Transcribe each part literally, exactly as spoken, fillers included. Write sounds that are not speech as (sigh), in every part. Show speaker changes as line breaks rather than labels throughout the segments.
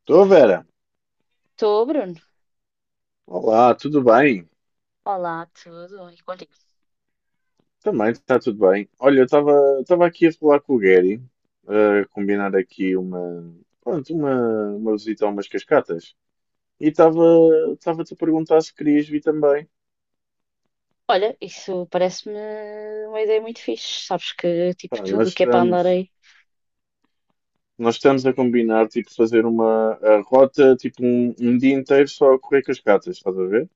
Estou, Vera.
Estou, Bruno.
Olá, tudo bem?
Olá, tudo e contigo.
Também está tudo bem. Olha, eu estava estava aqui a falar com o Gary, a combinar aqui uma, pronto, uma, uma visita a umas cascatas. E estava estava-te a perguntar se querias vir também.
Olha, isso parece-me uma ideia muito fixe. Sabes que, tipo,
Pá,
tudo
nós
o que é para
estamos,
andar aí.
nós estamos a combinar, tipo, fazer uma a rota, tipo, um, um dia inteiro só a correr cascatas, estás a ver?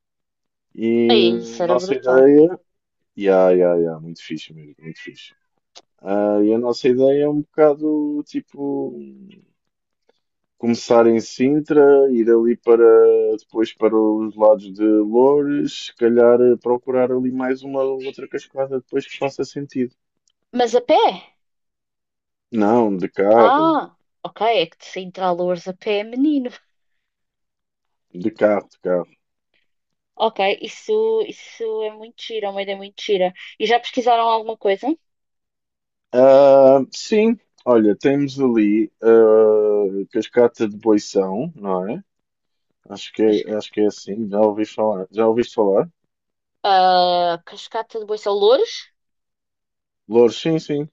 E
Aí, isso era
nossa
brutal.
ideia... Ya, ya, ya, muito fixe mesmo, muito fixe. Ah, e a nossa ideia é um bocado, tipo... Começar em Sintra, ir ali para depois para os lados de Loures, se calhar eh, procurar ali mais uma ou outra cascada depois que faça sentido.
Mas a pé?
Não, de carro,
Ah, ok, é que de Sintra a Loures a pé é menino.
de carro, de carro.
Ok, isso, isso é muito gira, é uma ideia muito gira. E já pesquisaram alguma coisa?
Ah, sim, olha, temos ali a Cascata de Boição, não é? Acho que
Cas-
é, acho que é assim, já ouvi falar. Já ouviste falar?
ah, Cascata de Boição Loures?
Loures, sim, sim.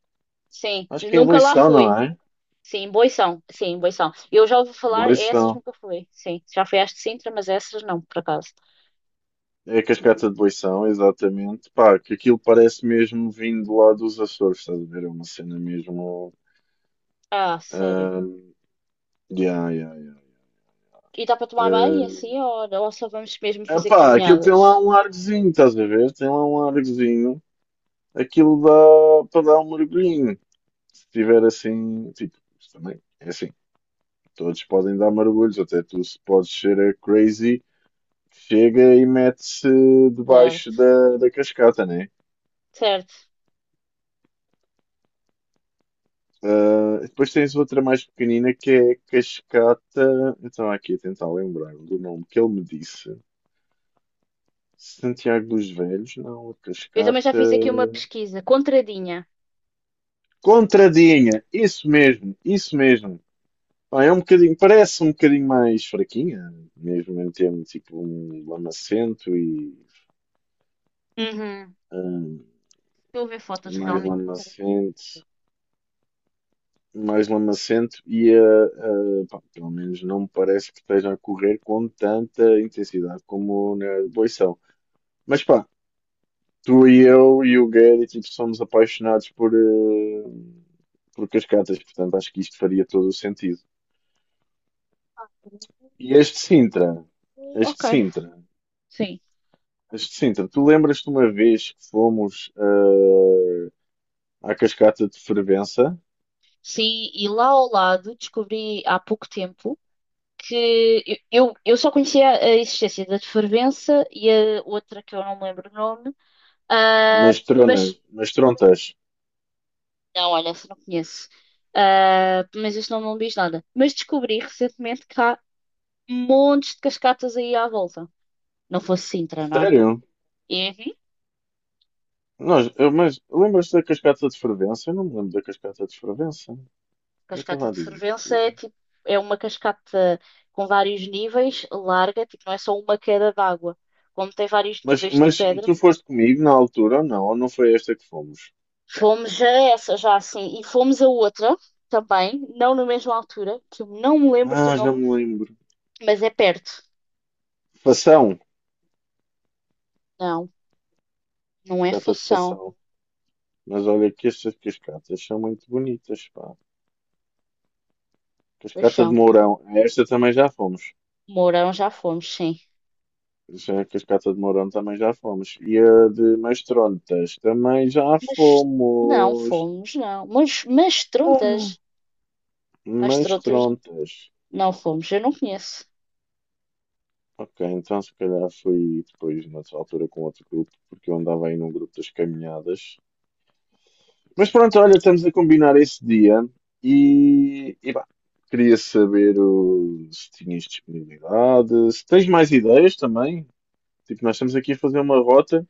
Sim,
Acho que é
nunca lá
Boição, não
fui.
é?
Sim, Boição. Sim, Boição. Eu já ouvi falar, essas
Boição.
nunca fui. Sim, já fui às de Sintra, mas essas não, por acaso.
É a cascata de Boição, exatamente. Pá, que aquilo parece mesmo vindo lá dos Açores, estás a ver? É uma cena mesmo.
Ah, sério.
ahm, yeah, yeah, yeah.
E dá para tomar banho assim, ou, ou só vamos mesmo
Ah,
fazer
pá, aquilo tem lá
caminhadas?
um argozinho, estás a ver? Tem lá um argozinho. Aquilo dá para dar um mergulhinho. Se tiver assim, tipo, isto também é assim. Todos podem dar mergulhos, até tu se podes ser a crazy, chega e mete-se debaixo
Certo,
da, da cascata, né?
certo.
Ah, depois tens outra mais pequenina que é Cascata. Eu estava aqui a tentar lembrar-me do nome que ele me disse. Santiago dos Velhos, não, a
Eu também já
Cascata.
fiz aqui uma pesquisa, contradinha.
Contradinha, isso mesmo, isso mesmo. Pá, é um bocadinho, parece um bocadinho mais fraquinha, mesmo em termos tipo um lamacento e
Uhum. Estou a ver fotos
mais
realmente.
lamacento, mais lamacento e a, pá, pelo menos não me parece que esteja a correr com tanta intensidade como na Boição. Mas pá, tu e eu e o Gary tipo, somos apaixonados por, eh, por cascatas, portanto acho que isto faria todo o sentido. E este Sintra, este
Ok,
Sintra,
sim.
este Sintra, tu lembras-te uma vez que fomos eh, à cascata de Fervença,
Sim, e lá ao lado descobri há pouco tempo que eu, eu eu só conhecia a existência da de Fervença e a outra que eu não me lembro o nome, ah,
mas tronas,
mas
mas trontas,
não, olha, essa não conheço. Ah, mas este nome não me diz nada. Mas descobri recentemente que há montes de cascatas aí à volta. Não fosse Sintra, não é?
sério?
E enfim,
Nós, eu- mas lembras-te da cascata de Fervença? Eu não me lembro da cascata de Fervença. Eu
cascata
estava a
de
dizer que
Fervença é
fui.
tipo, é uma cascata com vários níveis, larga, tipo, não é só uma queda d'água. Como tem vários
Mas,
níveis de
mas
pedra,
tu foste comigo na altura ou não? Ou não foi esta que fomos?
fomos a essa já assim, e fomos a outra também, não na mesma altura, que eu não me lembro do
Ah, já
nome,
me lembro.
mas é perto.
Satisfação.
Não, não é
Cascata de
Fação,
Fação. Mas olha que estas cascatas são muito bonitas, pá. Cascata de
Fação.
Mourão. A Esta também já fomos.
Mourão já fomos, sim.
Já A cascata de Mourão também já fomos. E a de Mastrontas também já
Mas não
fomos.
fomos, não. Mas, mas Trontas, mas Trontas
Mastrontas.
não fomos, eu não conheço.
Ok, então se calhar fui depois, nessa altura, com outro grupo, porque eu andava aí num grupo das caminhadas. Mas pronto, olha, estamos a combinar esse dia e, e pá, queria saber o- se tinhas disponibilidade, se tens mais ideias também. Tipo, nós estamos aqui a fazer uma rota,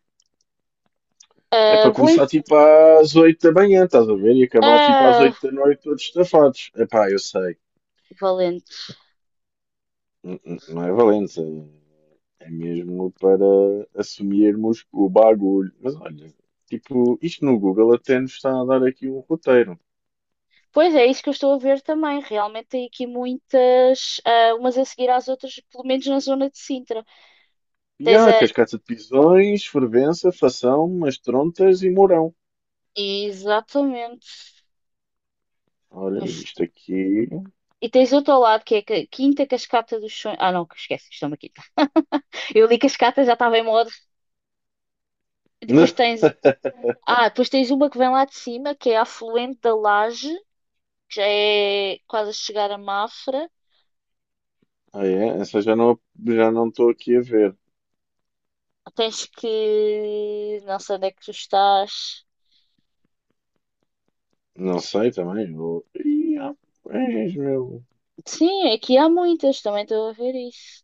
é
Ah,
para
vou em...
começar tipo às oito da manhã, estás a ver? E acabar tipo às
ah,
oito da noite todos estafados. Epá, eu sei,
Valente.
N- n- não é valente, é é mesmo para assumirmos o bagulho. Mas olha, tipo, isto no Google até nos está a dar aqui um roteiro.
Pois é, é isso que eu estou a ver também. Realmente tem aqui muitas, ah, umas a seguir às outras, pelo menos na zona de Sintra. Tens
Ya,
a...
cascata de pisões, fervença, fação, umas trontas e mourão.
Exatamente.
Olha,
Mas-
isto aqui.
E tens outro ao lado, que é a Quinta Cascata dos Sonhos. Ah, não, esquece, isto é uma quinta. Eu li Cascata, já estava em modo. Depois tens...
(laughs)
Ah, depois tens uma que vem lá de cima, que é a afluente da Laje, que já é quase a chegar a Mafra.
Ah, é? Essa já não já não estou aqui a ver.
Tens que. Não sei onde é que tu estás.
Não sei também. Eu... Ih, ah, pois, meu.
Sim, aqui há muitas, também estou a ver isso.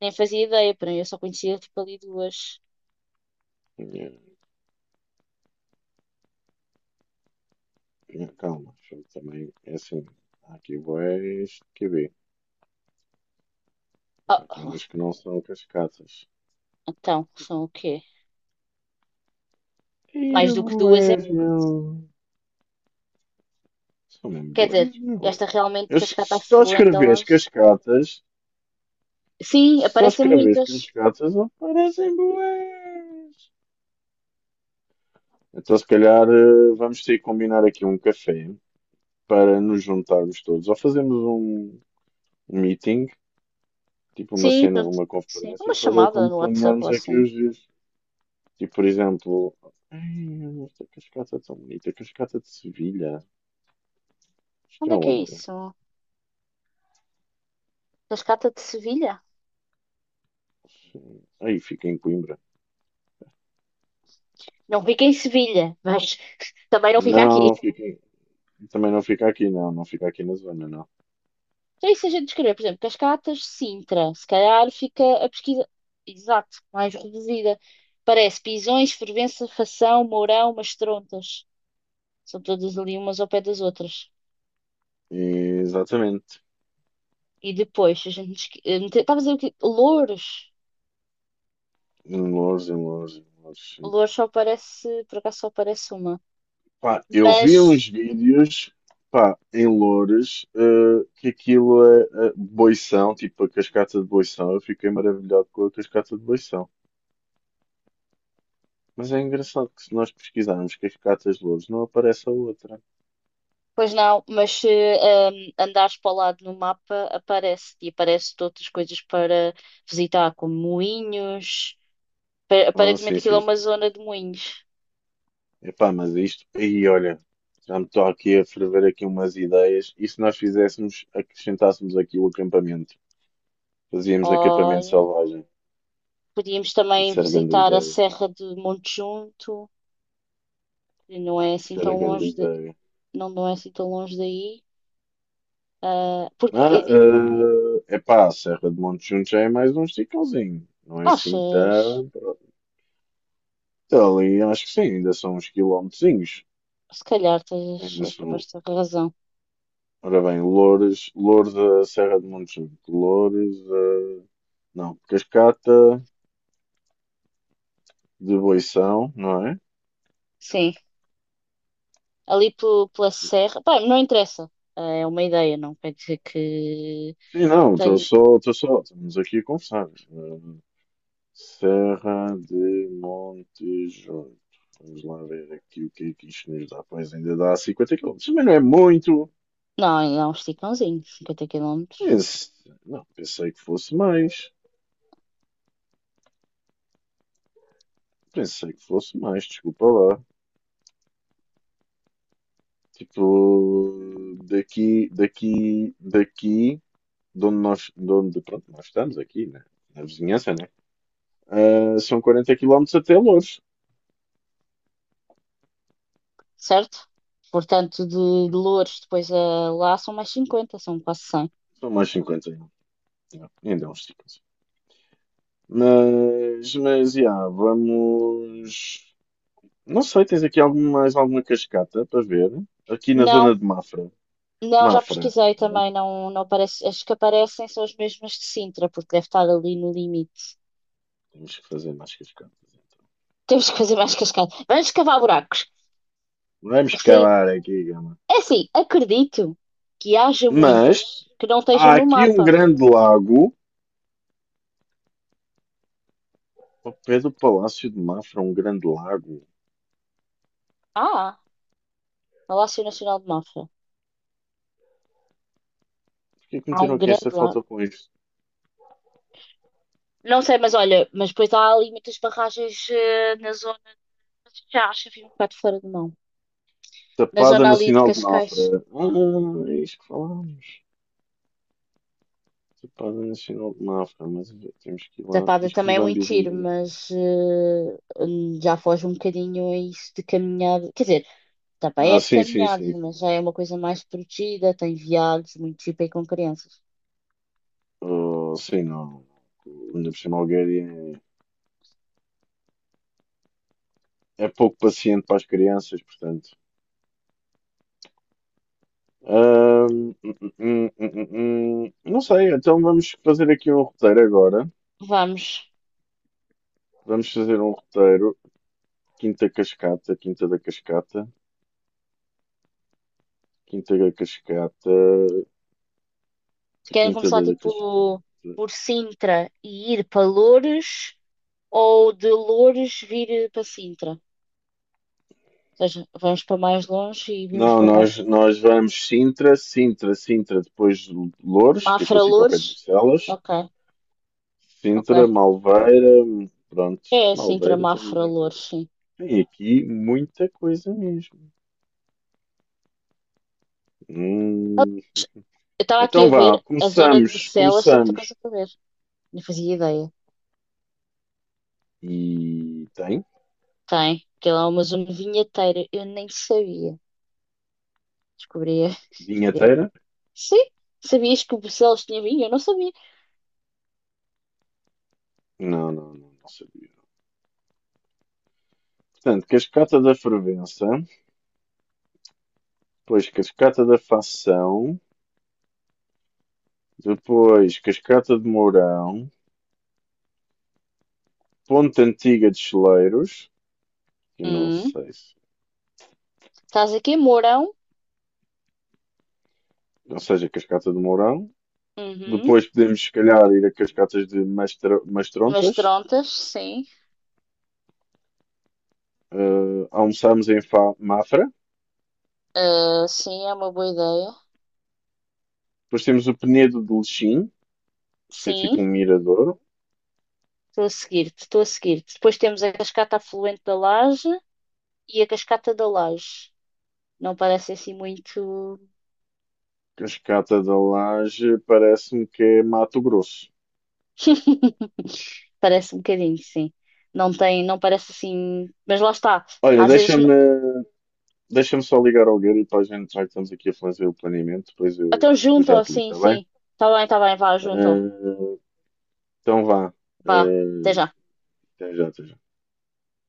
Nem fazia ideia, para mim eu só conhecia tipo ali duas.
Tinha, tinha calma. Deixa eu. Também é assim. Há aqui boés que vê. Há aqui umas
Ah,
que não são cascatas.
então, são o quê?
Ih,
Mais do que duas é
boés, meu.
muito.
São mesmo
Quer dizer,
boés,
esta
meu.
realmente
Eu
de
s-
Cascata
só
Afluente,
escrevi as
elas.
cascatas
Sim,
só
aparecem
escreves que os
muitas.
gatos aparecem bués. Então, se calhar, eh, vamos ter que combinar aqui um café para nos juntarmos todos. Ou fazemos um um meeting, tipo uma
Sim,
cena,
junto-
uma
sim. Uma
conferência, para
chamada
como
no WhatsApp ou
planearmos aqui
assim.
os dias. Tipo, por exemplo, "Ei, esta cascata é tão bonita, cascata de Sevilha. Isto
Onde
é
é que é
onde?
isso? Cascata de Sevilha?
Aí fica em Coimbra.
Não fica em Sevilha, mas (laughs) também não fica aqui.
Não, fica em- também não fica aqui, não, não fica aqui na zona, não.
Então, e se a gente escrever, por exemplo, Cascatas, Sintra, se calhar fica a pesquisa, exato, mais reduzida. Parece Pisões, Fervença, Fação, Mourão, Mastrontas. São todas ali umas ao pé das outras.
Exatamente.
E depois, a gente. Esque- eh, mete- Estava a dizer o quê? Louros.
Em Loures, em Loures, em Loures.
Louros só aparece, por acaso só aparece uma.
Pá, eu vi
Mas,
uns vídeos, pá, em Loures, eh, que aquilo é, eh, boição, tipo a cascata de boição. Eu fiquei maravilhado com a cascata de boição. Mas é engraçado que se nós pesquisarmos cascatas de Loures, não aparece a outra.
Pois não, mas se ehm, andares para o lado no mapa, aparece. E aparece outras coisas para visitar, como moinhos. Pa-
Ah,
Aparentemente
sim,
aquilo é
sim,
uma
sim, sim, sim.
zona de moinhos.
Epá, mas isto, aí olha, já me estou aqui a ferver aqui umas ideias. E se nós fizéssemos, acrescentássemos aqui o acampamento? Fazíamos acampamento
Olha,
selvagem.
podíamos também
Isso era grande
visitar a
ideia.
Serra de Montejunto, que não é assim
Isso era
tão
grande
longe de,
ideia.
não, não é assim tão longe daí. Ah, porque
Ah,
eh,
uh, epá, a Serra de Montejuntos já é mais um esticãozinho. Não é assim
achas,
tão. Então, ali acho que sim, ainda são uns quilómetrozinhos.
se calhar tens,
Ainda
és
são.
capaz de ter razão.
Ora bem, Loures, Loures a Serra de Montejuntos. Loures a. Não, Cascata de Boição, não é?
Sim, ali pe- pela serra, pá, não interessa. Ah, é uma ideia, não quer dizer que
Sim, não, estou
tenho.
só, estou só. Estamos aqui a conversar. Uh, Serra de Montejuntos. Vamos lá ver aqui o que é que isto nos dá. Pois ainda dá cinquenta quilómetros. Mas não é muito.
Não, ainda é um esticãozinho, cinquenta quilómetros,
Pense- Não, pensei que fosse mais. Pensei que fosse mais, desculpa lá. Tipo, daqui, daqui, daqui, de onde nós, de onde, pronto, nós estamos aqui, né? Na vizinhança, né? Ah, são quarenta quilómetros até Loures.
certo? Portanto, de, de Loures depois a lá são mais cinquenta, são quase cem.
São mais cinquenta ainda. Yeah, ainda é uns cinquenta. Mas, mas, yeah, vamos. Não sei, tens aqui algum, mais alguma cascata para ver? Aqui na
Não,
zona de Mafra.
não, já
Mafra.
pesquisei
Mas
também, não, não aparece. As que aparecem são as mesmas de Sintra, porque deve estar ali no limite.
temos que fazer mais cascatas.
(laughs) Temos que fazer mais cascada. Vamos cavar buracos.
Vamos
Sim.
cavar aqui, Gama.
É assim, acredito que haja
Mas
muitas que não estejam
há
no
aqui um
mapa.
grande lago. Ao pé do Palácio de Mafra, um grande lago.
Ah, Palácio Nacional de Mafra.
Por que é que
Há
meteram
um
aqui
grande
esta
lago.
foto com isto?
Não sei, mas olha, mas depois há ali muitas barragens eh, na zona. Já acho que fica um bocado fora de mão. Na zona
Tapada
ali de
Nacional de
Cascais.
Mafra. Ah, é isto que falámos. Tapada Nacional de Mafra, mas temos que ir lá.
Tapada
Isto dos
também é muito
Bambis
tiro,
andam aqui.
mas eh, já foge um bocadinho a isso de caminhada. Quer dizer, tapa
Ah,
é de
sim, sim,
caminhadas,
sim,
mas
sim.
já é uma coisa mais protegida, tem viados, muito tipo aí com crianças.
Oh, sim, não. Ainda por cima, Algueria é pouco paciente para as crianças, portanto. Ahm, hum, hum, hum, hum. hum, hum, hum. não sei, então vamos fazer aqui um roteiro agora.
Vamos.
Vamos fazer um roteiro. Quinta Cascata, Quinta da Cascata, Quinta da Cascata,
Querem
Quinta
começar
da Cascata.
tipo por Sintra e ir para Loures ou de Loures vir para Sintra? Ou seja, vamos para mais longe e vimos
Não,
para mais.
nós, nós vamos Sintra, Sintra, Sintra, depois de Loures, que aquilo
Mafra
fica ao pé de
Loures?
Bucelas.
Ok,
Sintra,
ok.
Malveira, pronto,
É Sintra,
Malveira também
Mafra
deve ter.
Loures, sim.
Tem aqui muita coisa mesmo. Hum.
Eu estava aqui
Então
a
vá,
ver a zona de
começamos,
Bucelas, tem muita coisa
começamos.
para ver. Não fazia ideia.
E tem?
Tem, que lá é uma zona vinheteira. Eu nem sabia. Descobri. (laughs) Descobri.
Vinheteira?
Sim, sabias que o Bucelas tinha vinho? Eu não sabia.
Não, não, não, não sabia. Portanto, cascata da fervença, depois cascata da Fação, depois cascata de Mourão, ponte antiga de Cheleiros, que não
Hum,
sei se.
Estás aqui em Mourão?
Não seja cascata de Mourão.
Uhum.
Depois podemos, se calhar, ir a cascatas de Mastro-
Mas
Mastrontas.
Trontas, sim.
Eh, almoçamos em Fa- Mafra.
Ah, sim, é uma boa ideia.
Depois temos o Penedo de Lechim, que é
Sim,
tipo um mirador.
estou a seguir-te, estou a seguir-te. Depois temos a cascata afluente da Laje e a cascata da Laje. Não parece assim muito.
Cascata da Laje parece-me que é Mato Grosso.
(laughs) Parece um bocadinho, sim. Não tem, não parece assim. Mas lá está.
Olha,
Às vezes. n-
deixa-me deixa-me só ligar ao Gary para a gente, já que estamos aqui a fazer o planeamento, depois eu,
Então
eu já
junto,
te ligo,
sim,
está bem?
sim. Tá bem, tá bem, vá, junto.
Eh, então vá.
Vá, até
Eh,
já.
até já, até já.